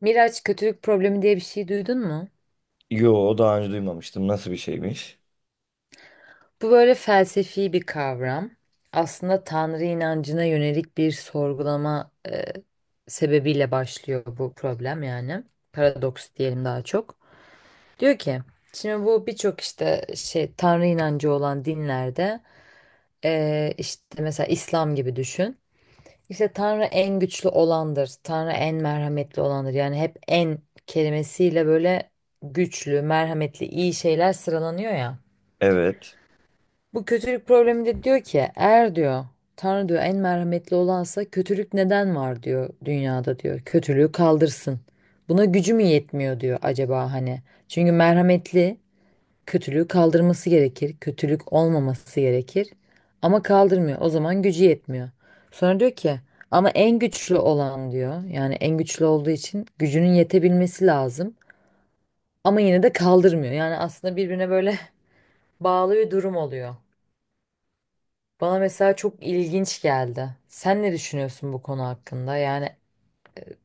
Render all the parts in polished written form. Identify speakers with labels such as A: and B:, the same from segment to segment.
A: Miraç kötülük problemi diye bir şey duydun mu?
B: Yo, daha önce duymamıştım. Nasıl bir şeymiş?
A: Bu böyle felsefi bir kavram. Aslında Tanrı inancına yönelik bir sorgulama sebebiyle başlıyor bu problem yani. Paradoks diyelim daha çok. Diyor ki, şimdi bu birçok işte şey Tanrı inancı olan dinlerde işte mesela İslam gibi düşün. İşte Tanrı en güçlü olandır, Tanrı en merhametli olandır. Yani hep en kelimesiyle böyle güçlü, merhametli, iyi şeyler sıralanıyor ya.
B: Evet.
A: Bu kötülük problemi de diyor ki eğer diyor Tanrı diyor en merhametli olansa kötülük neden var diyor dünyada diyor. Kötülüğü kaldırsın. Buna gücü mü yetmiyor diyor acaba hani. Çünkü merhametli kötülüğü kaldırması gerekir. Kötülük olmaması gerekir. Ama kaldırmıyor. O zaman gücü yetmiyor. Sonra diyor ki ama en güçlü olan diyor. Yani en güçlü olduğu için gücünün yetebilmesi lazım. Ama yine de kaldırmıyor. Yani aslında birbirine böyle bağlı bir durum oluyor. Bana mesela çok ilginç geldi. Sen ne düşünüyorsun bu konu hakkında? Yani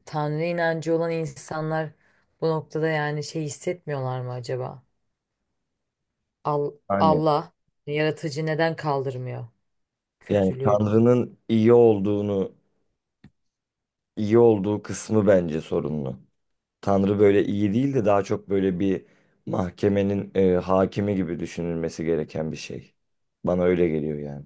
A: Tanrı inancı olan insanlar bu noktada yani şey hissetmiyorlar mı acaba? Al-
B: Hani
A: Allah yaratıcı neden kaldırmıyor
B: yani
A: kötülüğü?
B: Tanrı'nın iyi olduğunu, iyi olduğu kısmı bence sorunlu. Tanrı böyle iyi değil de daha çok böyle bir mahkemenin hakimi gibi düşünülmesi gereken bir şey. Bana öyle geliyor yani.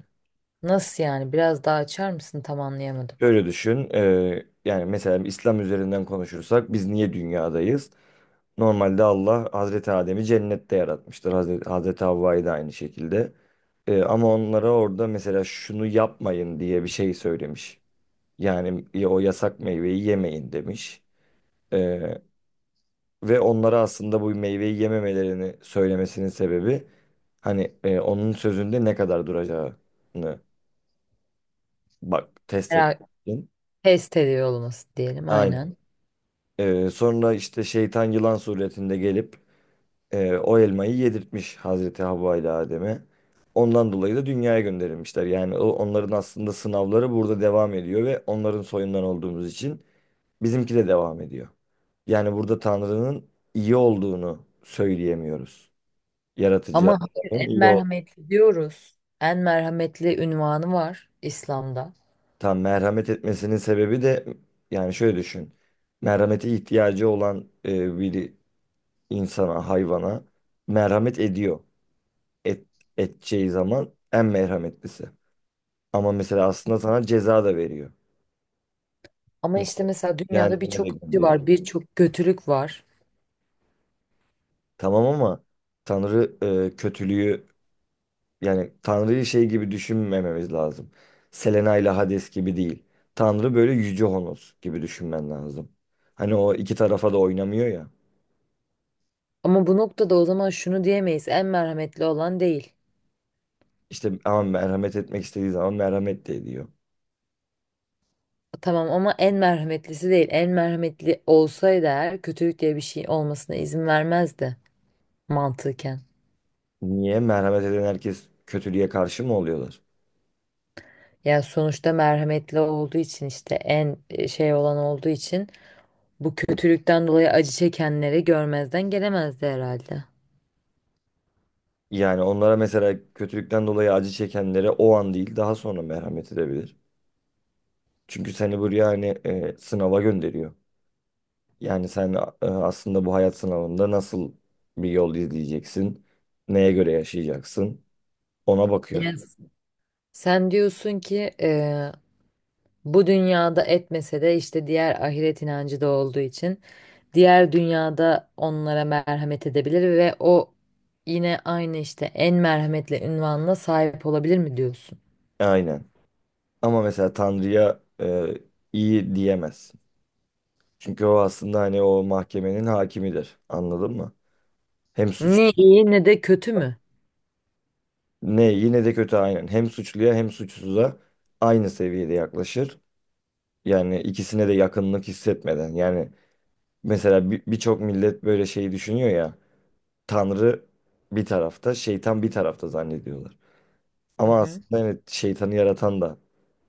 A: Nasıl yani? Biraz daha açar mısın? Tam anlayamadım.
B: Şöyle düşün, yani mesela İslam üzerinden konuşursak biz niye dünyadayız? Normalde Allah Hazreti Adem'i cennette yaratmıştır. Hazreti Havva'yı da aynı şekilde. Ama onlara orada mesela şunu yapmayın diye bir şey söylemiş. Yani o yasak meyveyi yemeyin demiş. Eee, Ve onlara aslında bu meyveyi yememelerini söylemesinin sebebi hani onun sözünde ne kadar duracağını bak test etmek
A: Merak,
B: için.
A: test ediyor olması diyelim aynen.
B: Sonra işte şeytan yılan suretinde gelip o elmayı yedirtmiş Hazreti Havva ile Adem'e. Ondan dolayı da dünyaya gönderilmişler. Yani onların aslında sınavları burada devam ediyor ve onların soyundan olduğumuz için bizimki de devam ediyor. Yani burada Tanrı'nın iyi olduğunu söyleyemiyoruz. Yaratıcı
A: Ama hayır
B: Allah'ın
A: en
B: iyi olduğunu.
A: merhametli diyoruz. En merhametli unvanı var İslam'da.
B: Tam merhamet etmesinin sebebi de yani şöyle düşün. Merhamete ihtiyacı olan bir insana, hayvana merhamet ediyor. et, Edeceği zaman en merhametlisi. Ama mesela aslında sana ceza da veriyor.
A: Ama işte mesela dünyada
B: Cehenneme de
A: birçok acı
B: gönderiyor.
A: var, birçok kötülük var.
B: Tamam ama Tanrı kötülüğü yani Tanrı'yı şey gibi düşünmememiz lazım. Selena ile Hades gibi değil. Tanrı böyle Yüce Honos gibi düşünmen lazım. Hani o iki tarafa da oynamıyor ya.
A: Ama bu noktada o zaman şunu diyemeyiz. En merhametli olan değil.
B: İşte ama merhamet etmek istediği zaman merhamet de ediyor.
A: Tamam ama en merhametlisi değil. En merhametli olsaydı eğer kötülük diye bir şey olmasına izin vermezdi mantıken.
B: Niye? Merhamet eden herkes kötülüğe karşı mı oluyorlar?
A: Yani sonuçta merhametli olduğu için işte en şey olan olduğu için bu kötülükten dolayı acı çekenleri görmezden gelemezdi herhalde.
B: Yani onlara mesela kötülükten dolayı acı çekenlere o an değil daha sonra merhamet edebilir. Çünkü seni buraya hani sınava gönderiyor. Yani sen aslında bu hayat sınavında nasıl bir yol izleyeceksin, neye göre yaşayacaksın ona bakıyor.
A: Yani sen diyorsun ki bu dünyada etmese de işte diğer ahiret inancı da olduğu için diğer dünyada onlara merhamet edebilir ve o yine aynı işte en merhametli ünvanına sahip olabilir mi diyorsun?
B: Aynen. Ama mesela Tanrı'ya iyi diyemezsin. Çünkü o aslında hani o mahkemenin hakimidir. Anladın mı? Hem suç
A: Ne iyi ne de kötü mü?
B: ne yine de kötü aynen. Hem suçluya hem suçsuza aynı seviyede yaklaşır. Yani ikisine de yakınlık hissetmeden. Yani mesela birçok millet böyle şeyi düşünüyor ya. Tanrı bir tarafta, şeytan bir tarafta zannediyorlar.
A: Hı
B: Ama
A: hı.
B: aslında evet şeytanı yaratan da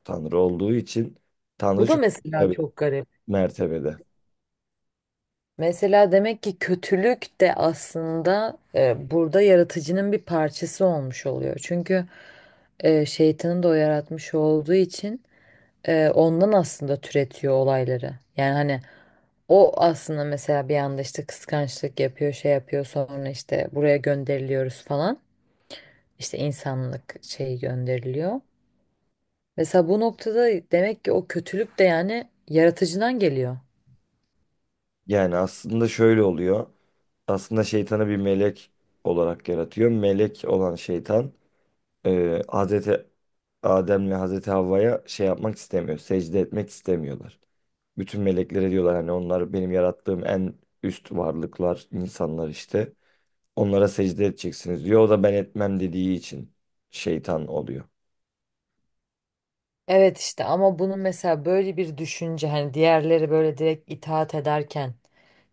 B: Tanrı olduğu için Tanrı
A: Bu da
B: çok
A: mesela
B: tabii
A: çok garip.
B: mertebede.
A: Mesela demek ki kötülük de aslında burada yaratıcının bir parçası olmuş oluyor. Çünkü şeytanın da o yaratmış olduğu için ondan aslında türetiyor olayları. Yani hani o aslında mesela bir anda işte kıskançlık yapıyor, şey yapıyor sonra işte buraya gönderiliyoruz falan. İşte insanlık şeyi gönderiliyor. Mesela bu noktada demek ki o kötülük de yani yaratıcıdan geliyor.
B: Yani aslında şöyle oluyor. Aslında şeytanı bir melek olarak yaratıyor. Melek olan şeytan Hazreti Adem'le Hazreti Havva'ya şey yapmak istemiyor. Secde etmek istemiyorlar. Bütün meleklere diyorlar hani onlar benim yarattığım en üst varlıklar, insanlar işte. Onlara secde edeceksiniz diyor. O da ben etmem dediği için şeytan oluyor.
A: Evet işte ama bunun mesela böyle bir düşünce hani diğerleri böyle direkt itaat ederken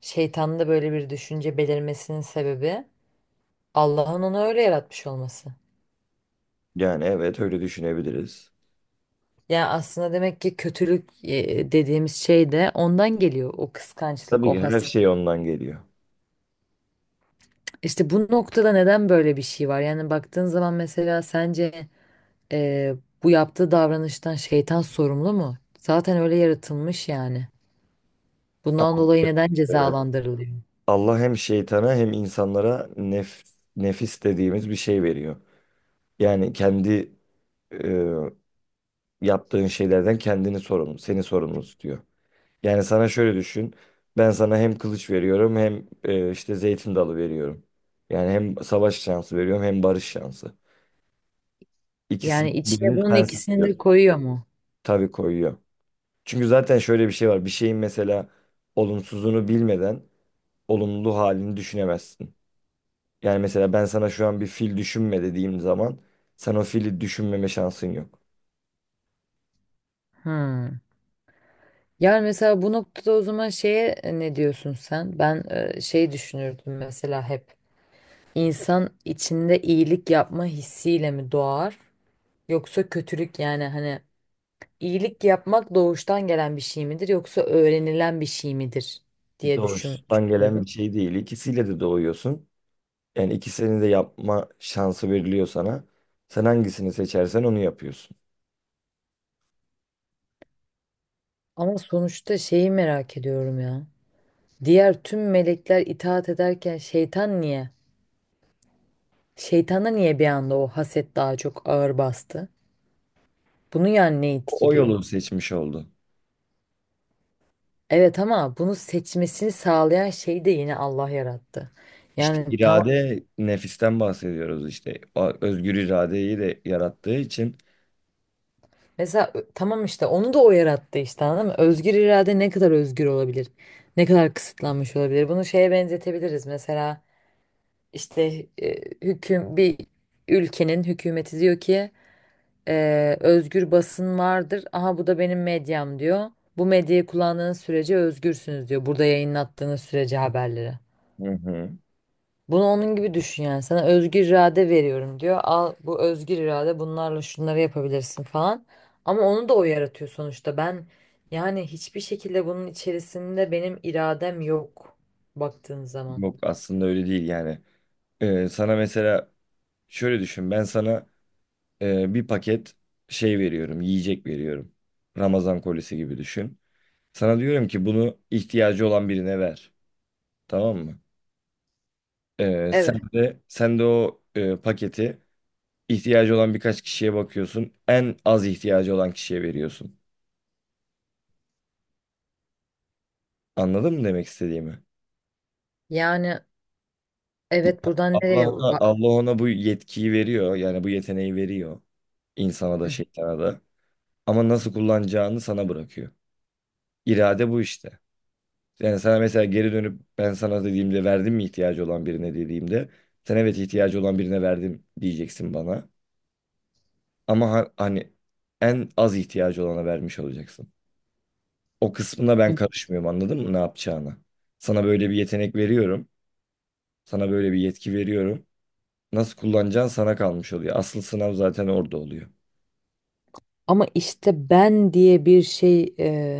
A: şeytanda böyle bir düşünce belirmesinin sebebi Allah'ın onu öyle yaratmış olması.
B: Yani evet öyle düşünebiliriz.
A: Ya aslında demek ki kötülük dediğimiz şey de ondan geliyor o kıskançlık,
B: Tabii
A: o
B: ki her
A: haset.
B: şey ondan geliyor.
A: İşte bu noktada neden böyle bir şey var? Yani baktığın zaman mesela sence e, bu yaptığı davranıştan şeytan sorumlu mu? Zaten öyle yaratılmış yani. Bundan
B: Tamam.
A: dolayı neden
B: Ee,
A: cezalandırılıyor?
B: Allah hem şeytana hem insanlara nefis dediğimiz bir şey veriyor. Yani kendi e, yaptığın şeylerden kendini sorumlu, seni sorumlu tutuyor. Yani sana şöyle düşün. Ben sana hem kılıç veriyorum hem işte zeytin dalı veriyorum. Yani hem savaş şansı veriyorum hem barış şansı.
A: Yani
B: İkisinden
A: içine
B: birini
A: bunun
B: sen
A: ikisini de
B: seçiyorsun.
A: koyuyor mu?
B: Tabii koyuyor. Çünkü zaten şöyle bir şey var. Bir şeyin mesela olumsuzunu bilmeden olumlu halini düşünemezsin. Yani mesela ben sana şu an bir fil düşünme dediğim zaman sen o fili düşünmeme şansın yok.
A: Hmm. Yani mesela bu noktada o zaman şeye ne diyorsun sen? Ben şey düşünürdüm mesela hep. İnsan içinde iyilik yapma hissiyle mi doğar? Yoksa kötülük yani hani iyilik yapmak doğuştan gelen bir şey midir yoksa öğrenilen bir şey midir diye
B: Doğuştan gelen bir
A: düşünüyordum.
B: şey değil. İkisiyle de doğuyorsun. Yani ikisini de yapma şansı veriliyor sana. Sen hangisini seçersen onu yapıyorsun.
A: Ama sonuçta şeyi merak ediyorum ya. Diğer tüm melekler itaat ederken şeytan niye? Şeytana niye bir anda o haset daha çok ağır bastı? Bunu yani ne
B: O
A: etkiliyor?
B: yolu seçmiş oldu.
A: Evet ama bunu seçmesini sağlayan şey de yine Allah yarattı.
B: İşte
A: Yani tam
B: irade nefisten bahsediyoruz işte. O özgür iradeyi de yarattığı için.
A: Mesela tamam işte onu da o yarattı işte anladın mı? Özgür irade ne kadar özgür olabilir? Ne kadar kısıtlanmış olabilir? Bunu şeye benzetebiliriz. Mesela işte e, bir ülkenin hükümeti diyor ki özgür basın vardır. Aha bu da benim medyam diyor. Bu medyayı kullandığınız sürece özgürsünüz diyor. Burada yayınlattığınız sürece haberleri.
B: Hı hı.
A: Bunu onun gibi düşün yani. Sana özgür irade veriyorum diyor. Al bu özgür irade bunlarla şunları yapabilirsin falan. Ama onu da o yaratıyor sonuçta. Ben yani hiçbir şekilde bunun içerisinde benim iradem yok baktığın zaman.
B: Yok aslında öyle değil yani. Sana mesela şöyle düşün. Ben sana bir paket veriyorum, yiyecek veriyorum. Ramazan kolisi gibi düşün. Sana diyorum ki bunu ihtiyacı olan birine ver. Tamam mı? Sen
A: Evet.
B: de sen de o paketi İhtiyacı olan birkaç kişiye bakıyorsun. En az ihtiyacı olan kişiye veriyorsun. Anladın mı demek istediğimi?
A: Yani evet buradan nereye bak.
B: Allah ona bu yetkiyi veriyor. Yani bu yeteneği veriyor. İnsana da
A: Hı.
B: şeytana da. Ama nasıl kullanacağını sana bırakıyor. İrade bu işte. Yani sana mesela geri dönüp ben sana dediğimde verdim mi ihtiyacı olan birine dediğimde sen evet ihtiyacı olan birine verdim diyeceksin bana. Ama hani en az ihtiyacı olana vermiş olacaksın. O kısmına ben
A: Hı.
B: karışmıyorum anladın mı ne yapacağını? Sana böyle bir yetenek veriyorum. Sana böyle bir yetki veriyorum. Nasıl kullanacağın sana kalmış oluyor. Asıl sınav zaten orada oluyor.
A: Ama işte ben diye bir şey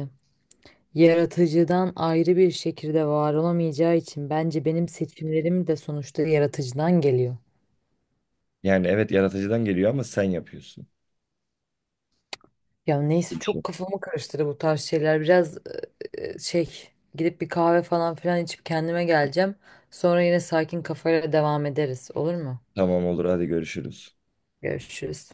A: yaratıcıdan ayrı bir şekilde var olamayacağı için bence benim seçimlerim de sonuçta yaratıcıdan geliyor.
B: Yani evet yaratıcıdan geliyor ama sen yapıyorsun.
A: Ya neyse
B: Bir şey.
A: çok kafamı karıştırdı bu tarz şeyler. Biraz şey gidip bir kahve falan filan içip kendime geleceğim. Sonra yine sakin kafayla devam ederiz. Olur mu?
B: Tamam olur, hadi görüşürüz.
A: Görüşürüz.